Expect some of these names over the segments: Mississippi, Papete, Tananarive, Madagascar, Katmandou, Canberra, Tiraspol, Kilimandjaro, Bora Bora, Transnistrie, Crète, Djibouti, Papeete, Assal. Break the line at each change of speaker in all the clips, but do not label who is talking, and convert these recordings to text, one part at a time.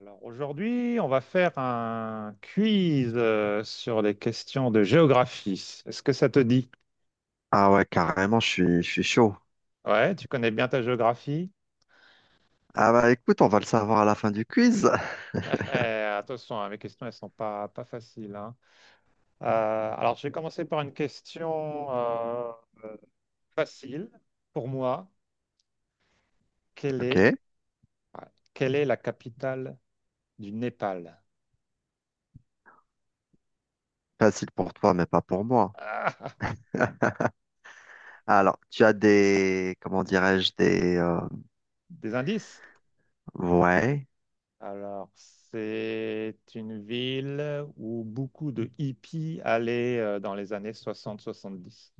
Alors aujourd'hui, on va faire un quiz sur les questions de géographie. Est-ce que ça te dit?
Ah ouais, carrément, je suis chaud.
Ouais, tu connais bien ta géographie?
Ah bah écoute, on va le savoir à la fin du quiz.
Attention, hein, mes questions, elles sont pas faciles. Hein. Euh, alors, je vais commencer par une question euh, facile pour moi. Quelle
Ok,
est, ouais, Quelle est la capitale du Népal?
facile pour toi, mais pas pour moi.
Ah,
Alors, tu as des, comment dirais-je, des,
des indices?
ouais,
Alors, c'est une ville où beaucoup de hippies allaient dans les années soixante soixante-dix.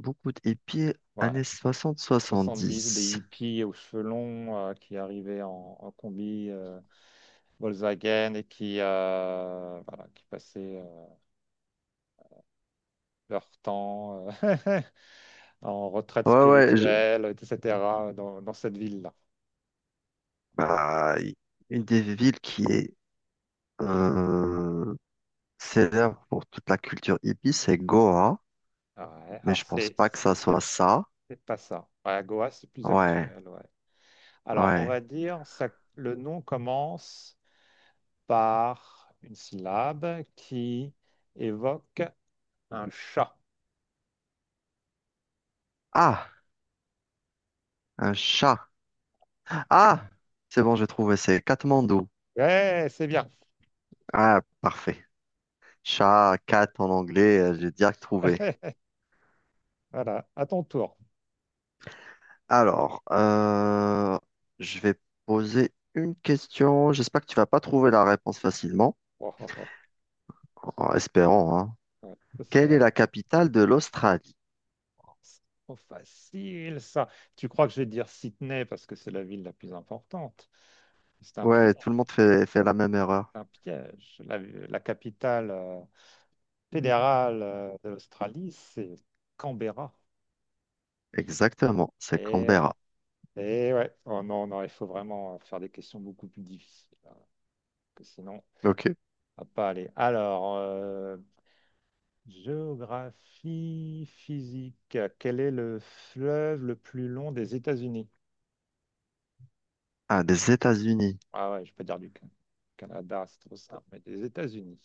beaucoup de hippies
Ouais,
années soixante soixante
soixante-dix, des
dix
hippies aux cheveux longs qui arrivaient en combi Volkswagen et qui, voilà, qui passaient leur temps en retraite
Ouais,
spirituelle, etc., dans cette ville-là.
bah, une des villes qui est euh, célèbre pour toute la culture hippie, c'est Goa,
Ouais,
mais
alors,
je pense pas que ça soit ça.
c'est pas ça. Ouais, Goa, c'est plus
Ouais,
actuel, ouais. Alors, on
ouais.
va dire, ça, le nom commence par une syllabe qui évoque un chat.
Ah, un chat. Ah, c'est bon, j'ai trouvé, c'est Katmandou.
Ouais, c'est bien.
Ah, parfait. Chat, cat en anglais, j'ai direct trouvé.
Voilà, à ton tour.
Alors, je vais poser une question. J'espère que tu vas pas trouver la réponse facilement,
Oh, oh, oh.
en espérant, hein.
Ouais,
Quelle est
j'espère.
la capitale de l'Australie?
Oh, c'est trop facile, ça. Tu crois que je vais dire Sydney parce que c'est la ville la plus importante. C'est un piège,
Ouais, tout le monde fait la même erreur.
un piège. La capitale fédérale de l'Australie, c'est Canberra.
Exactement, c'est
Et ouais,
Canberra.
et ouais. Oh non, non, il faut vraiment faire des questions beaucoup plus difficiles, hein, parce que sinon...
Ok.
Ah pas aller. Alors, géographie physique. Quel est le fleuve le plus long des États-Unis?
Ah, des États-Unis.
Ah ouais, je peux dire Canada, c'est trop simple, mais des États-Unis.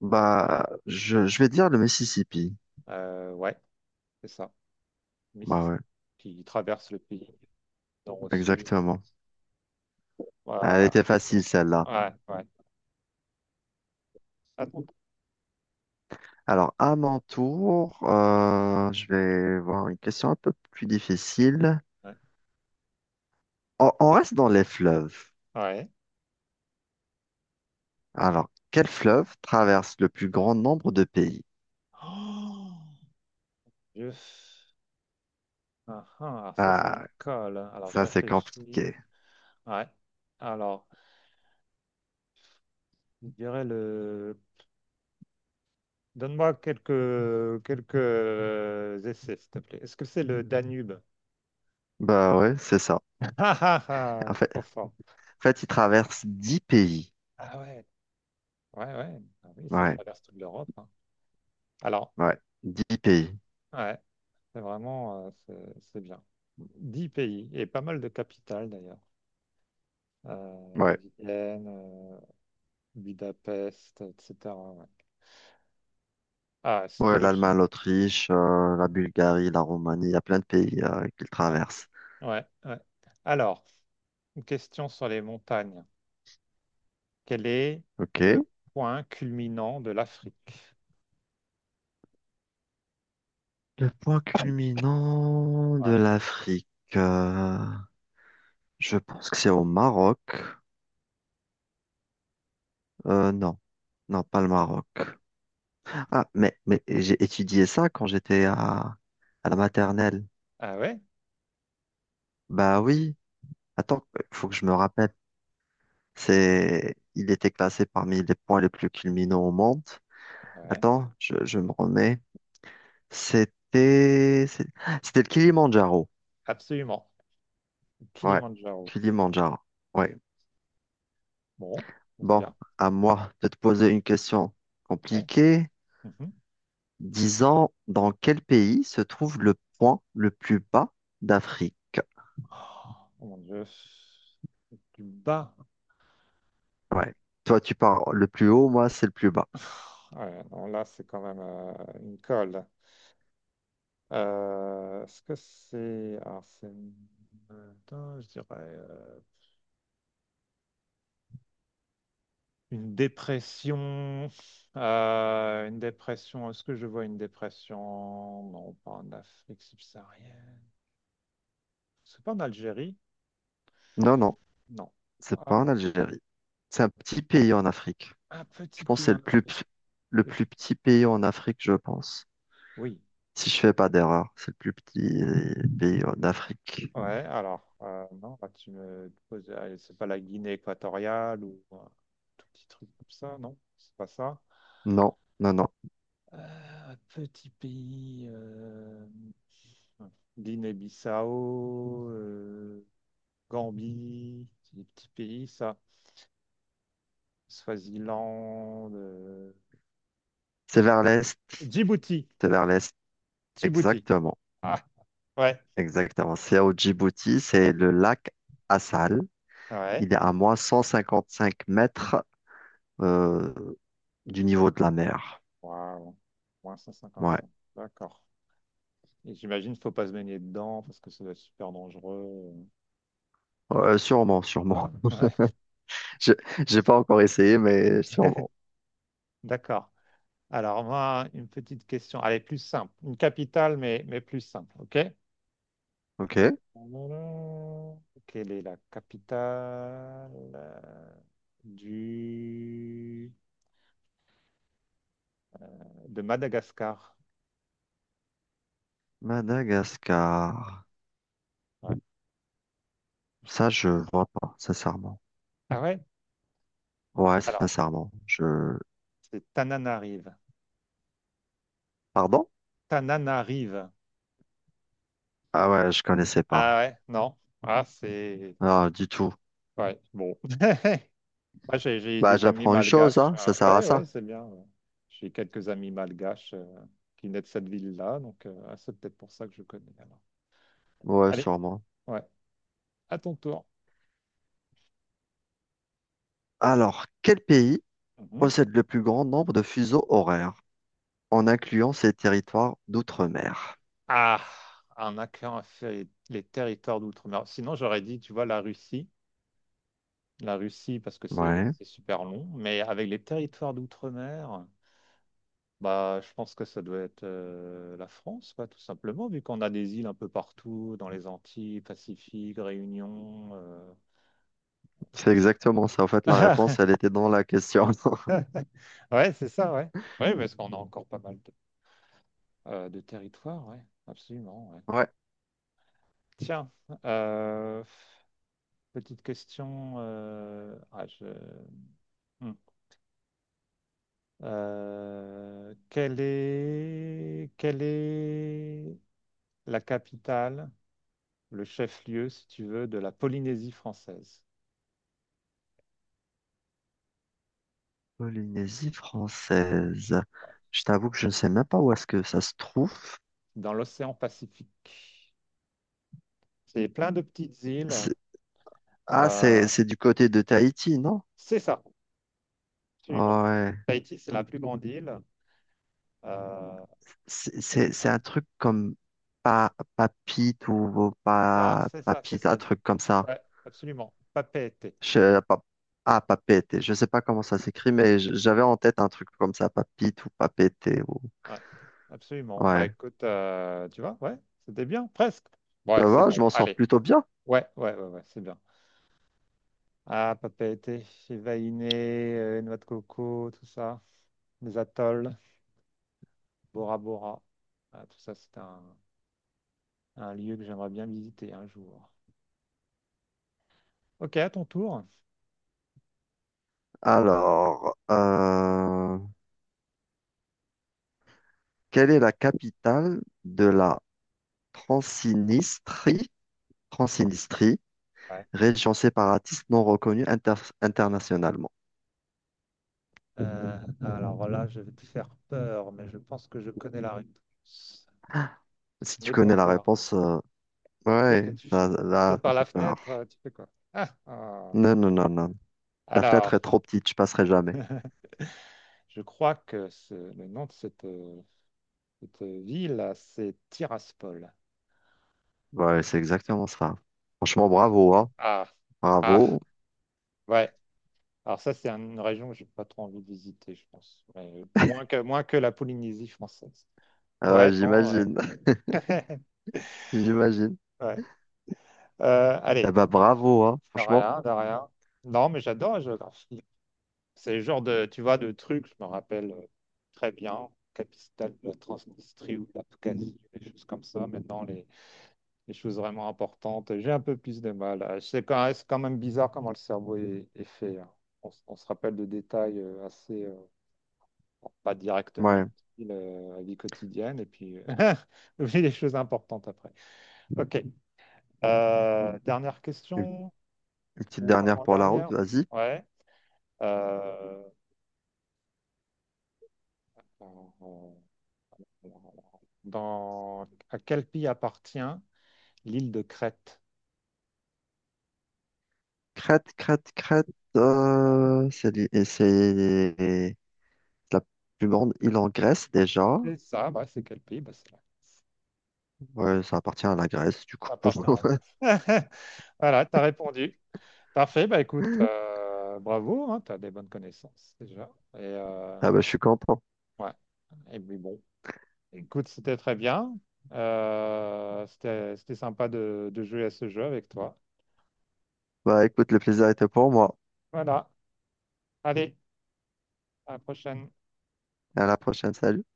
Bah, je vais dire le Mississippi.
Ouais, c'est ça.
Bah
Mississippi,
ouais,
qui traverse le pays du nord au sud.
exactement. Ah, elle
Voilà.
était facile, celle-là.
Ouais, ouais. Attends.
Alors, à mon tour, je vais voir une question un peu plus difficile.
Ouais.
On reste dans les fleuves.
Ouais.
Alors, quel fleuve traverse le plus grand nombre de pays?
Oh, je... Ah, ah, alors ça, c'est une
Ah,
colle. Alors, je
ça c'est
réfléchis.
compliqué.
Ouais. Alors, je dirais le... Donne-moi quelques essais, s'il te plaît. Est-ce que c'est le Danube?
Bah ouais, c'est ça.
Ah ah ah,
En fait,
trop
en
fort.
fait, il traverse 10 pays.
Ah ouais, ouais, ouais. Ah oui, ça
Ouais,
traverse toute l'Europe, hein. Alors,
ouais, 10 pays.
ouais, c'est vraiment, c'est bien. Dix pays et pas mal de capitales d'ailleurs.
Ouais,
Vienne, Budapest, etc., ouais. Ah, si tu
ouais,
veux que je...
l'Allemagne, l'Autriche, la Bulgarie, la Roumanie, il y a plein de pays qu'il
Ouais,
traverse.
ouais, ouais. Alors, une question sur les montagnes. Quel est
Ok.
le point culminant de l'Afrique?
Le point culminant de
Ouais.
l'Afrique. euh, Je pense que c'est au Maroc. Non, non, pas le Maroc. Ah, mais j'ai étudié ça quand à la maternelle.
Ah ouais,
Bah oui, attends, il faut que je me rappelle. C'est, il était classé parmi les points les plus culminants au monde.
ah ouais,
Attends, je me remets. C'était, c'est- c'était le Kilimandjaro.
absolument.
Ouais,
Kilimandjaro.
Kilimandjaro. Ouais.
Bon, c'est
Bon,
bien.
à moi de te poser une question
Ouais.
compliquée.
Mhm.
Disons, dans quel pays se trouve le point le plus bas d'Afrique?
Oh mon Dieu, du bas.
Ouais. Toi, tu parles le plus haut, moi, c'est le plus bas.
Ouais, non, là, c'est quand même une colle. Est-ce que c'est... Alors, c'est... Attends, je dirais une dépression. Une dépression. Est-ce que je vois une dépression? Non, pas en Afrique subsaharienne. C'est pas en Algérie?
Non, non,
Non.
c'est pas
Ah,
en Algérie. C'est un petit pays en Afrique.
un
Je
petit
pense que
pays
c'est
en Afrique.
le plus petit pays en Afrique, je pense.
Oui.
Si je fais pas d'erreur, c'est le plus petit pays en Afrique.
Ouais, alors, non, là, tu me poses... allez, c'est pas la Guinée équatoriale ou un tout petit truc comme ça, non? C'est pas ça.
Non, non, non.
Petit pays, Guinée-Bissau, Gambie, c'est des petits pays, ça. Swaziland,
C'est vers l'est.
Djibouti.
C'est vers l'est.
Djibouti.
Exactement.
Ah, ouais,
Exactement. C'est au Djibouti. C'est le lac Assal.
ouais.
Il est à moins 155 mètres euh, du niveau de la mer.
Waouh, moins cent cinquante
Ouais.
cinq. D'accord. Et j'imagine qu'il ne faut pas se baigner dedans parce que ça doit être super dangereux.
Sûrement, sûrement.
Ouais,
Je, j'ai pas encore essayé, mais sûrement.
d'accord. Alors, moi, une petite question. Allez, plus simple. Une capitale, mais plus simple. OK?
Ok.
Alors, quelle est la capitale du... de Madagascar?
Madagascar.
Ouais.
Ça, je vois pas, sincèrement.
Ah ouais?
Ouais,
Alors,
sincèrement. Je...
c'est Tananarive.
Pardon?
Tananarive.
Ah ouais, je connaissais
Ah
pas.
ouais? Non. Ah, c'est...
Ah, du tout.
Ouais, bon. Moi, j'ai
Bah,
des amis
j'apprends une chose,
malgaches.
hein.
Ah,
Ça sert à
ouais, ouais,
ça.
c'est bien, ouais. J'ai quelques amis malgaches qui naissent de cette ville-là, donc ah, c'est peut-être pour ça que je connais, alors.
Ouais,
Allez,
sûrement.
ouais. À ton tour.
Alors, quel pays
Mhm.
possède le plus grand nombre de fuseaux horaires en incluant ses territoires d'outre-mer?
Ah, un accord a fait les territoires d'outre-mer. Sinon, j'aurais dit, tu vois, la Russie. La Russie, parce que c'est
Ouais,
c'est super long. Mais avec les territoires d'outre-mer, bah, je pense que ça doit être la France, quoi, tout simplement, vu qu'on a des îles un peu partout, dans les Antilles, Pacifique, Réunion.
c'est exactement ça. En fait, la réponse, elle était dans la question.
Ouais, c'est ça, ouais. Oui, parce qu'on a encore pas mal de territoires, ouais. Absolument, ouais.
Ouais,
Tiens, euh, petite question. Ah, je... Hmm. Quelle est... quelle est la capitale, le chef-lieu, si tu veux, de la Polynésie française,
Polynésie française.
ouais,
Je t'avoue que je ne sais même pas où est-ce que ça se trouve.
dans l'océan Pacifique? C'est plein de petites îles.
C'est- Ah,
euh,
c'est du côté de Tahiti, non?
c'est ça, absolument.
Ouais.
Tahiti, c'est la plus grande île. euh,
C'est
hein,
un truc comme pa Papite ou
c'est ça,
pa
c'est ça, c'est
Papite, un
ça.
truc comme ça.
Ouais, absolument. Papeete.
Je, pa- Papete. Je ne sais pas comment ça s'écrit, mais j'avais en tête un truc comme ça, Papite ou Papete. Ou...
Ouais, absolument. Bah
Ouais.
écoute, tu vois, ouais, c'était bien, presque. Ouais,
Ça
c'est
va,
bon.
je m'en sors
Allez.
plutôt bien.
Ouais, ouais, ouais, ouais, c'est bien. Ah, Papeete, Chivaïné, noix de coco, tout ça, les atolls, Bora Bora. Ah, tout ça, c'est un lieu que j'aimerais bien visiter un jour. Ok, à ton tour.
Alors, quelle est la capitale de la Transnistrie, Transnistrie,
Ouais.
région séparatiste non reconnue internationalement.
Euh, alors là, je vais te faire peur, mais je pense que je connais la réponse.
Si tu
N'aie pas
connais la
peur.
réponse,
Qu'est-ce que
ouais,
tu
ça,
fais? Tu
là,
sautes
ça
par la
fait peur.
fenêtre, tu fais quoi? Ah, ah.
Non, non, non, non. La fenêtre est
Alors,
trop petite, je passerai jamais.
je crois que le nom de cette, cette ville, là, c'est Tiraspol.
Ouais, c'est exactement ça. Franchement, bravo, hein.
Ah, ah,
Bravo.
ouais. Alors ça, c'est une région que j'ai pas trop envie de visiter, je pense. Mais, moins que la Polynésie française.
Ah
Ouais,
ouais,
non, ouais,
j'imagine, j'imagine.
ouais.
Eh
Allez,
ben, bravo, hein,
de
franchement.
rien, de rien. Non, mais j'adore la géographie. C'est le genre de, tu vois, de trucs, je me rappelle très bien, capitale de la Transnistrie ou de l'Abkhazie, des choses comme ça. Maintenant, les choses vraiment importantes. J'ai un peu plus de mal, hein. C'est quand même bizarre comment le cerveau est fait, hein. On se rappelle de détails bon, pas directement
Ouais.
utiles à la vie quotidienne, et puis on oublie les choses importantes après. Ok. Dernière
Une,
question
une petite
ou
dernière pour la route,
avant-dernière?
vas-y.
Ouais. Euh, dans, à quel pays appartient l'île de Crète?
Crète, Crète, Crète.
Ouais.
C'est li- et c'est la plus grande île en Grèce déjà.
C'est ça, bah, c'est quel pays? Bah, c'est là.
Ouais, ça appartient à la Grèce, du coup.
À part paragraphe. Voilà, tu as répondu. Parfait, bah écoute, bravo, tu as des bonnes connaissances déjà. Et,
Ah bah, je suis content.
ouais. Et puis bon, écoute, c'était très bien. C'était sympa de jouer à ce jeu avec toi.
Bah, écoute, le plaisir était pour moi.
Voilà, allez, à la prochaine.
À la prochaine, salut.